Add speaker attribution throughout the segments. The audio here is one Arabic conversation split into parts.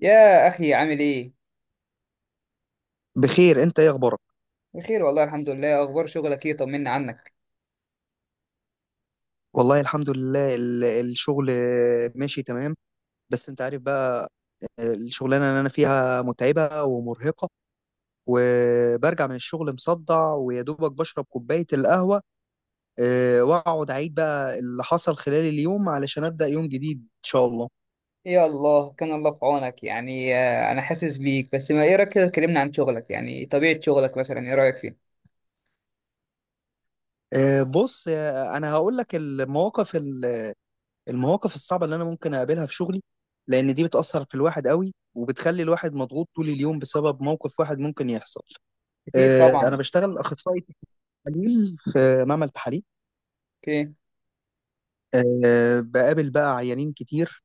Speaker 1: يا أخي عامل إيه؟
Speaker 2: بخير. انت ايه اخبارك؟
Speaker 1: بخير والله الحمد لله، أخبار شغلك إيه؟ طمنا عنك.
Speaker 2: والله الحمد لله، الشغل ماشي تمام. بس انت عارف بقى، الشغلانه اللي انا فيها متعبه ومرهقه، وبرجع من الشغل مصدع ويا دوبك بشرب كوبايه القهوه، اه، واقعد اعيد بقى اللي حصل خلال اليوم علشان ابدا يوم جديد ان شاء الله.
Speaker 1: يا الله كان الله في عونك. يعني أنا حاسس بيك. بس ما إيه رأيك كده، اتكلمنا عن شغلك، يعني طبيعة شغلك مثلا إيه رأيك فيه؟
Speaker 2: اه، بص، انا هقول لك المواقف المواقف الصعبه اللي انا ممكن اقابلها في شغلي، لان دي بتاثر في الواحد قوي، وبتخلي الواحد مضغوط طول اليوم بسبب موقف واحد ممكن يحصل.
Speaker 1: أكيد
Speaker 2: أنا
Speaker 1: طبعا.
Speaker 2: بشتغل أخصائي تحاليل في معمل تحاليل.
Speaker 1: أوكي.
Speaker 2: بقابل بقى عيانين كتير.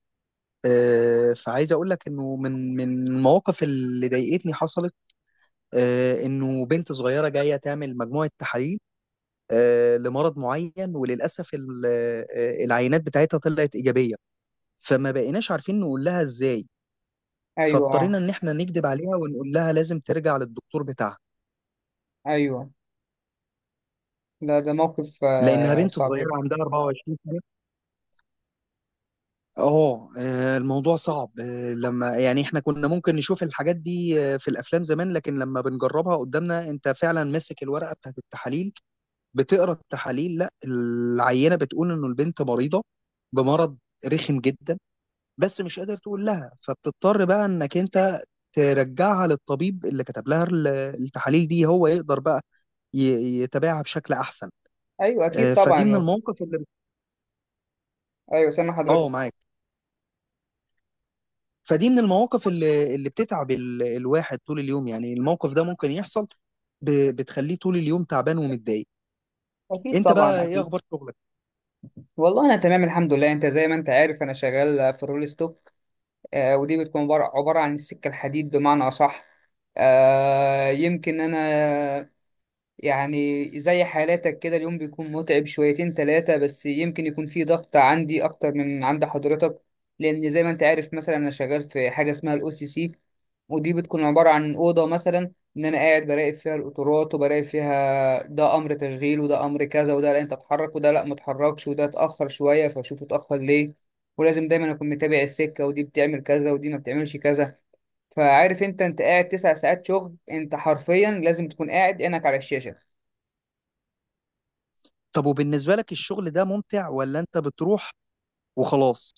Speaker 2: فعايز أقول لك إنه من المواقف اللي ضايقتني، حصلت إنه بنت صغيرة جاية تعمل مجموعة تحاليل لمرض معين، وللأسف العينات بتاعتها طلعت إيجابية. فما بقيناش عارفين نقول لها إزاي،
Speaker 1: أيوه
Speaker 2: فاضطرينا إن إحنا نكذب عليها ونقول لها لازم ترجع للدكتور بتاعها،
Speaker 1: أيوه لا، ده موقف
Speaker 2: لأنها بنت
Speaker 1: صعب
Speaker 2: صغيرة
Speaker 1: جدا.
Speaker 2: عندها 24. الموضوع صعب، لما يعني احنا كنا ممكن نشوف الحاجات دي في الافلام زمان، لكن لما بنجربها قدامنا انت فعلا ماسك الورقه بتاعت التحاليل، بتقرا التحاليل، لا العينه بتقول انه البنت مريضه بمرض رخم جدا. بس مش قادر تقول لها، فبتضطر بقى انك انت ترجعها للطبيب اللي كتب لها التحاليل دي، هو يقدر بقى يتابعها بشكل احسن.
Speaker 1: أيوه أكيد
Speaker 2: فدي من
Speaker 1: طبعا.
Speaker 2: المواقف اللي...
Speaker 1: أيوه سامع
Speaker 2: اه،
Speaker 1: حضرتك.
Speaker 2: معاك. فدي من المواقف اللي بتتعب الواحد طول اليوم. يعني الموقف ده ممكن يحصل، بتخليه طول اليوم تعبان ومتضايق.
Speaker 1: أكيد
Speaker 2: انت بقى
Speaker 1: طبعا
Speaker 2: ايه
Speaker 1: أكيد.
Speaker 2: اخبار شغلك؟
Speaker 1: والله أنا تمام الحمد لله. أنت زي ما أنت عارف أنا شغال في الرول ستوك. ودي بتكون عبارة عن السكة الحديد، بمعنى أصح. يمكن أنا يعني زي حالاتك كده، اليوم بيكون متعب شويتين تلاتة، بس يمكن يكون فيه ضغط عندي أكتر من عند حضرتك. لأن زي ما أنت عارف، مثلا أنا شغال في حاجة اسمها الأو سي سي. ودي بتكون عبارة عن أوضة، مثلا إن أنا قاعد براقب فيها القطورات، وبراقب فيها ده أمر تشغيل وده أمر كذا، وده لا أنت اتحرك وده لا متحركش، وده اتأخر شوية فأشوف اتأخر ليه. ولازم دايما أكون متابع السكة، ودي بتعمل كذا ودي ما بتعملش كذا. فعارف أنت قاعد 9 ساعات شغل، أنت حرفيا لازم تكون قاعد عينك على الشاشة.
Speaker 2: طب وبالنسبة لك، الشغل ده ممتع ولا انت بتروح وخلاص؟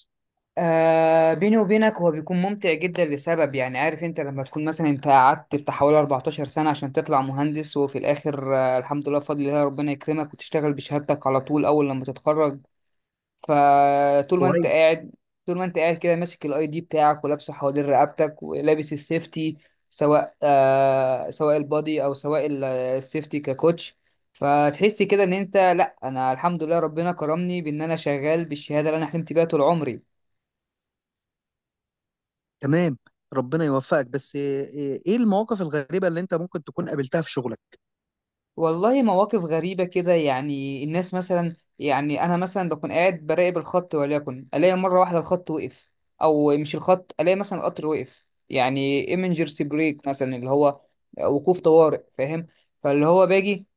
Speaker 1: آه بيني وبينك، هو بيكون ممتع جدا لسبب. يعني عارف انت، لما تكون مثلا انت قعدت بتاع حوالي 14 سنة عشان تطلع مهندس، وفي الاخر آه الحمد لله، بفضل الله ربنا يكرمك وتشتغل بشهادتك على طول اول لما تتخرج. فطول ما انت
Speaker 2: كويس.
Speaker 1: قاعد كده ماسك الاي دي بتاعك ولابسه حوالين رقبتك ولابس السيفتي، سواء آه سواء البادي او سواء السيفتي ككوتش. فتحس كده ان انت، لا انا الحمد لله ربنا كرمني بان انا شغال بالشهادة اللي انا حلمت بيها طول عمري.
Speaker 2: تمام. ربنا يوفقك. بس إيه المواقف الغريبة اللي انت ممكن تكون قابلتها في شغلك؟
Speaker 1: والله مواقف غريبة كده، يعني الناس مثلا، يعني أنا مثلا بكون قاعد براقب الخط، وليكن ألاقي مرة واحدة الخط وقف. أو مش الخط، ألاقي مثلا القطر وقف، يعني emergency brake مثلا، اللي هو وقوف طوارئ، فاهم. فاللي هو باجي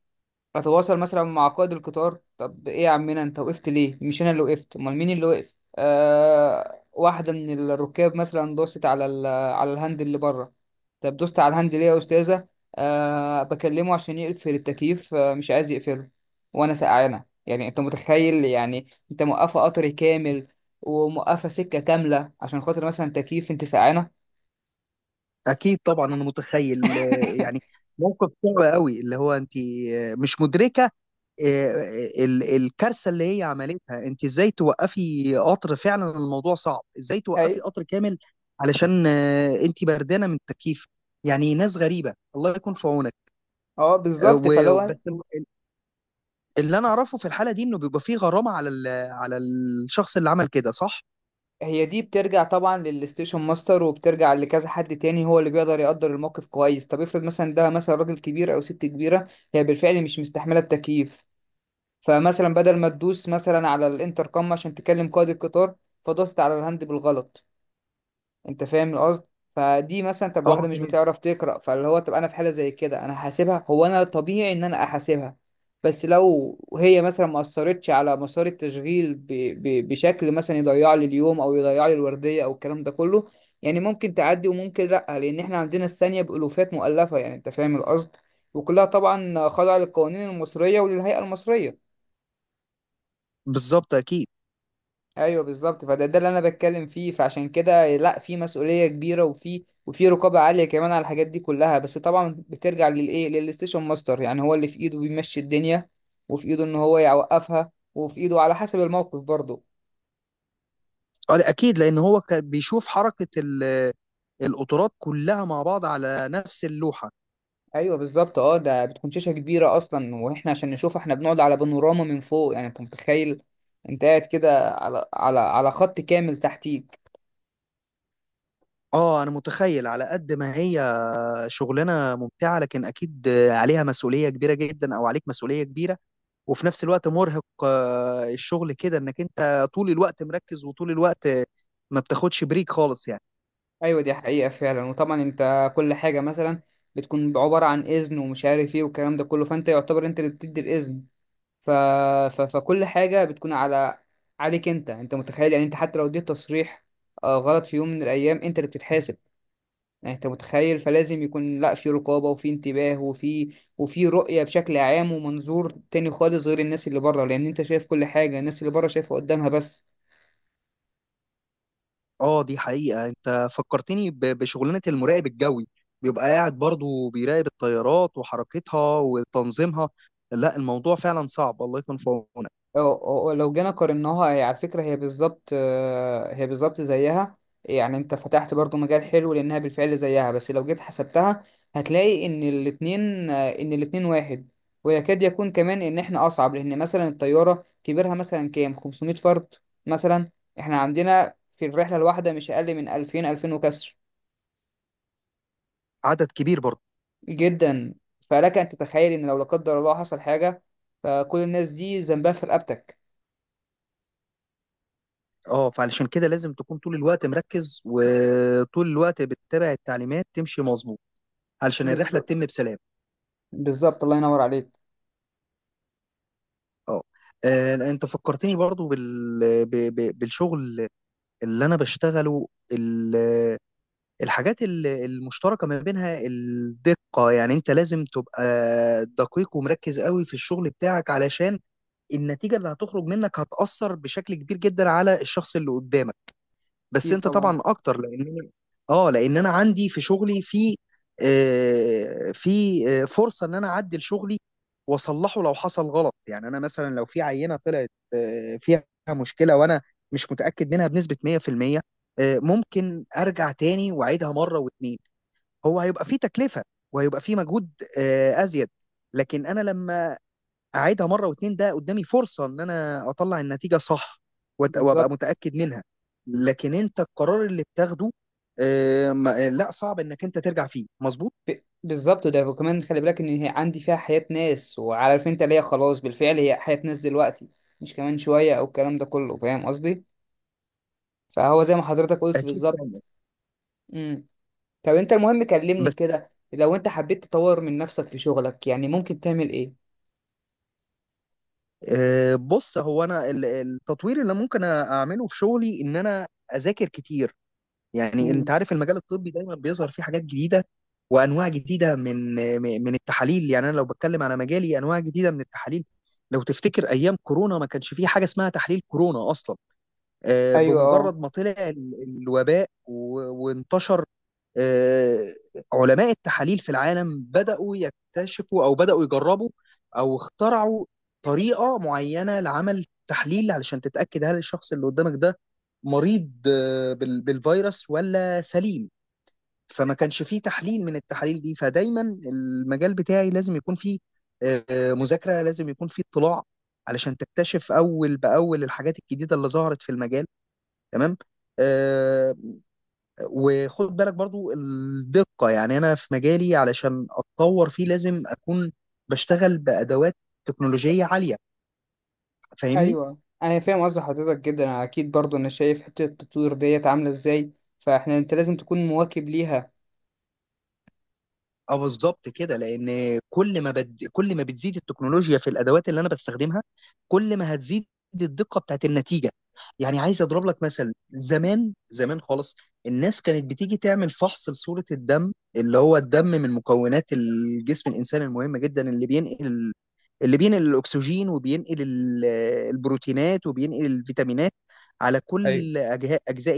Speaker 1: اتواصل مثلا مع قائد القطار، طب ايه يا عمنا انت وقفت ليه؟ مش انا اللي وقفت، امال مين اللي وقف؟ آه واحده من الركاب مثلا دوست على على الهاند اللي بره. طب دوست على الهاند ليه يا استاذه؟ آه بكلمه عشان يقفل التكييف، آه مش عايز يقفله وانا سقعانه. يعني انت متخيل؟ يعني انت موقفه قطر كامل، وموقفه سكه كامله عشان خاطر مثلا تكييف انت سقعانه.
Speaker 2: اكيد طبعا، انا متخيل. يعني موقف صعب قوي، اللي هو انت مش مدركه آه، الكارثه اللي هي عملتها. انت ازاي توقفي قطر؟ فعلا الموضوع صعب. ازاي توقفي
Speaker 1: ايوه
Speaker 2: قطر كامل علشان انت بردانه من التكييف؟ يعني ناس غريبه، الله يكون في عونك.
Speaker 1: اه بالظبط. فلو
Speaker 2: وبس. اللي انا اعرفه في الحاله دي انه بيبقى فيه غرامه على الشخص اللي عمل كده، صح؟
Speaker 1: هي، دي بترجع طبعا للستيشن ماستر، وبترجع لكذا حد تاني، هو اللي بيقدر يقدر الموقف كويس. طب افرض مثلا ده مثلا راجل كبير او ست كبيره، هي بالفعل مش مستحمله التكييف، فمثلا بدل ما تدوس مثلا على الانتركم عشان تكلم قائد القطار، فدوست على الهاند بالغلط. انت فاهم القصد؟ فدي مثلا، طب
Speaker 2: اه،
Speaker 1: واحده مش
Speaker 2: تمام.
Speaker 1: بتعرف تقرا، فاللي هو طب انا في حاله زي كده انا هحاسبها؟ هو انا طبيعي ان انا احاسبها؟ بس لو هي مثلا ما اثرتش على مسار التشغيل، بشكل مثلا يضيع لي اليوم او يضيع لي الورديه او الكلام ده كله، يعني ممكن تعدي وممكن لا. لان احنا عندنا الثانيه بالوفات مؤلفه، يعني انت فاهم القصد. وكلها طبعا خاضعه للقوانين المصريه وللهيئه المصريه.
Speaker 2: بالظبط، اكيد.
Speaker 1: ايوه بالظبط. فده اللي انا بتكلم فيه، فعشان كده لا، في مسؤوليه كبيره، وفي رقابه عاليه كمان على الحاجات دي كلها. بس طبعا بترجع للايه، للستيشن ماستر، يعني هو اللي في ايده بيمشي الدنيا، وفي ايده ان هو يوقفها، وفي ايده على حسب الموقف برضه.
Speaker 2: اه، لا، اكيد لان هو كان بيشوف حركه القطارات كلها مع بعض على نفس اللوحه.
Speaker 1: ايوه بالظبط اه، ده بتكون شاشه كبيره اصلا، واحنا عشان نشوف احنا بنقعد على بانوراما من فوق. يعني انت متخيل، انت قاعد كده على خط كامل تحتيك.
Speaker 2: اه، انا متخيل. على قد ما هي شغلانه ممتعه، لكن اكيد عليها مسؤوليه كبيره جدا، او عليك مسؤوليه كبيره. وفي نفس الوقت مرهق الشغل كده، انك انت طول الوقت مركز، وطول الوقت ما بتاخدش بريك خالص يعني.
Speaker 1: ايوه دي حقيقة فعلا. وطبعا انت كل حاجة مثلا بتكون عبارة عن اذن ومش عارف ايه والكلام ده كله، فانت يعتبر انت اللي بتدي الاذن. ف... فكل حاجة بتكون على، عليك انت. انت متخيل؟ يعني انت حتى لو اديت تصريح غلط في يوم من الايام، انت اللي بتتحاسب. يعني انت متخيل. فلازم يكون لا، في رقابة وفي انتباه وفي رؤية بشكل عام، ومنظور تاني خالص غير الناس اللي بره، لان انت شايف كل حاجة، الناس اللي بره شايفة قدامها بس.
Speaker 2: اه، دي حقيقة. انت فكرتني بشغلانة المراقب الجوي، بيبقى قاعد برضو بيراقب الطيارات وحركتها وتنظيمها. لا، الموضوع فعلا صعب. الله يكون في عونك.
Speaker 1: لو جينا قارناها، هي على فكرة هي بالظبط، هي بالظبط زيها. يعني انت فتحت برضو مجال حلو، لانها بالفعل زيها. بس لو جيت حسبتها، هتلاقي ان الاتنين آه، ان الاتنين واحد. ويكاد يكون كمان ان احنا اصعب، لان مثلا الطيارة كبيرها مثلا كام 500 فرد مثلا. احنا عندنا في الرحلة الواحدة مش اقل من 2000 2000 وكسر
Speaker 2: عدد كبير برضو.
Speaker 1: جدا. فلك ان تتخيل ان لو لا قدر الله حصل حاجة، فكل الناس دي ذنبها في رقبتك.
Speaker 2: اه، فعلشان كده لازم تكون طول الوقت مركز، وطول الوقت بتتابع التعليمات تمشي مظبوط، علشان الرحلة
Speaker 1: بالظبط
Speaker 2: تتم بسلام.
Speaker 1: بالظبط، الله ينور عليك.
Speaker 2: اه. لا، انت فكرتني برضو بالشغل اللي انا بشتغله. الحاجات المشتركة ما بينها الدقة. يعني انت لازم تبقى دقيق ومركز قوي في الشغل بتاعك، علشان النتيجة اللي هتخرج منك هتأثر بشكل كبير جدا على الشخص اللي قدامك. بس
Speaker 1: اكيد
Speaker 2: انت
Speaker 1: طبعا
Speaker 2: طبعا اكتر، لان انا عندي في شغلي، في آه، في آه، فرصه ان انا اعدل شغلي واصلحه لو حصل غلط. يعني انا مثلا لو في عينه طلعت فيها مشكله، وانا مش متاكد منها بنسبه 100%، ممكن ارجع تاني واعيدها مره واتنين. هو هيبقى في تكلفه، وهيبقى في مجهود ازيد، لكن انا لما اعيدها مره واتنين، ده قدامي فرصه ان انا اطلع النتيجه صح وابقى
Speaker 1: بالظبط.
Speaker 2: متاكد منها. لكن انت القرار اللي بتاخده لا، صعب انك انت ترجع فيه مظبوط.
Speaker 1: بالظبط. ده وكمان خلي بالك ان هي عندي فيها حياة ناس، وعارف انت ليا، خلاص بالفعل هي حياة ناس دلوقتي، مش كمان شوية او الكلام ده كله، فاهم قصدي. فهو زي ما حضرتك قلت
Speaker 2: اكيد
Speaker 1: بالظبط.
Speaker 2: فاهم.
Speaker 1: امم، طب انت المهم كلمني
Speaker 2: بس
Speaker 1: كده، لو انت حبيت تطور من نفسك في شغلك يعني ممكن تعمل ايه؟
Speaker 2: بص، هو انا التطوير اللي ممكن اعمله في شغلي ان انا اذاكر كتير. يعني انت
Speaker 1: امم
Speaker 2: عارف، المجال الطبي دايما بيظهر فيه حاجات جديده، وانواع جديده من التحاليل. يعني انا لو بتكلم على مجالي، انواع جديده من التحاليل، لو تفتكر ايام كورونا ما كانش فيه حاجه اسمها تحليل كورونا اصلا.
Speaker 1: ايوه اه
Speaker 2: بمجرد ما طلع الوباء وانتشر، آه، علماء التحاليل في العالم بدأوا يكتشفوا، أو بدأوا يجربوا، أو اخترعوا طريقة معينة لعمل تحليل علشان تتأكد هل الشخص اللي قدامك ده مريض بالفيروس ولا سليم. فما كانش فيه تحليل من التحاليل دي. فدايما المجال بتاعي لازم يكون فيه مذاكرة، لازم يكون فيه اطلاع، علشان تكتشف أول بأول الحاجات الجديدة اللي ظهرت في المجال. تمام. آه وخد بالك برضو الدقة. يعني أنا في مجالي علشان أتطور فيه لازم أكون بشتغل بأدوات تكنولوجية عالية. فاهمني؟
Speaker 1: ايوه، انا فاهم قصد حضرتك جدا. أنا اكيد برضو انا شايف حتة التطوير ديت عاملة ازاي، فاحنا انت لازم تكون مواكب ليها.
Speaker 2: اه، بالظبط كده. لان كل ما بتزيد التكنولوجيا في الادوات اللي انا بستخدمها، كل ما هتزيد الدقه بتاعت النتيجه. يعني عايز اضرب لك مثل، زمان زمان خالص. الناس كانت بتيجي تعمل فحص لصوره الدم، اللي هو الدم من مكونات الجسم الانساني المهمه جدا، اللي بينقل الاكسجين، وبينقل البروتينات، وبينقل الفيتامينات على
Speaker 1: ايوه
Speaker 2: كل اجزاء.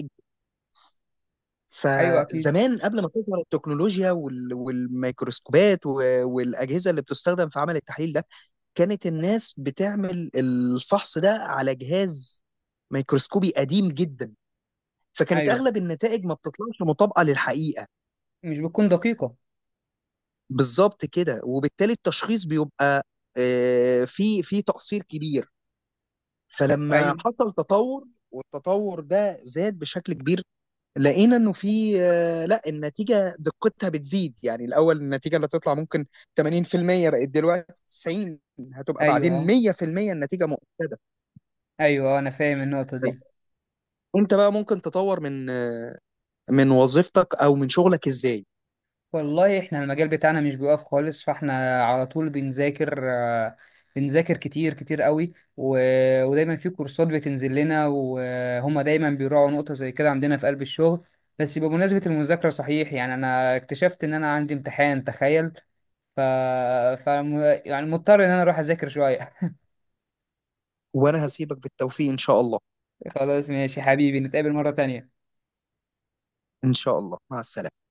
Speaker 1: ايوه اكيد.
Speaker 2: فزمان، قبل ما تظهر التكنولوجيا والميكروسكوبات والأجهزة اللي بتستخدم في عمل التحليل ده، كانت الناس بتعمل الفحص ده على جهاز ميكروسكوبي قديم جدا، فكانت
Speaker 1: ايوه
Speaker 2: أغلب النتائج ما بتطلعش مطابقة للحقيقة.
Speaker 1: مش بتكون دقيقة.
Speaker 2: بالظبط كده. وبالتالي التشخيص بيبقى في تقصير كبير. فلما
Speaker 1: ايوه
Speaker 2: حصل تطور، والتطور ده زاد بشكل كبير، لقينا انه في لا، النتيجه دقتها بتزيد. يعني الاول النتيجه اللي هتطلع ممكن 80%، بقت دلوقتي 90، هتبقى
Speaker 1: ايوه
Speaker 2: بعدين
Speaker 1: آه.
Speaker 2: 100%، النتيجه مؤكده.
Speaker 1: ايوه انا فاهم النقطه دي.
Speaker 2: انت بقى ممكن تطور من وظيفتك او من شغلك ازاي؟
Speaker 1: والله احنا المجال بتاعنا مش بيقف خالص، فاحنا على طول بنذاكر، بنذاكر كتير كتير قوي. ودايما في كورسات بتنزل لنا، وهما دايما بيراعوا نقطه زي كده عندنا في قلب الشغل. بس بمناسبه المذاكره، صحيح يعني انا اكتشفت ان انا عندي امتحان، تخيل. ف... ف يعني مضطر ان انا اروح اذاكر شويه.
Speaker 2: وانا هسيبك. بالتوفيق ان شاء الله.
Speaker 1: خلاص ماشي حبيبي، نتقابل مره تانية.
Speaker 2: ان شاء الله. مع السلامه.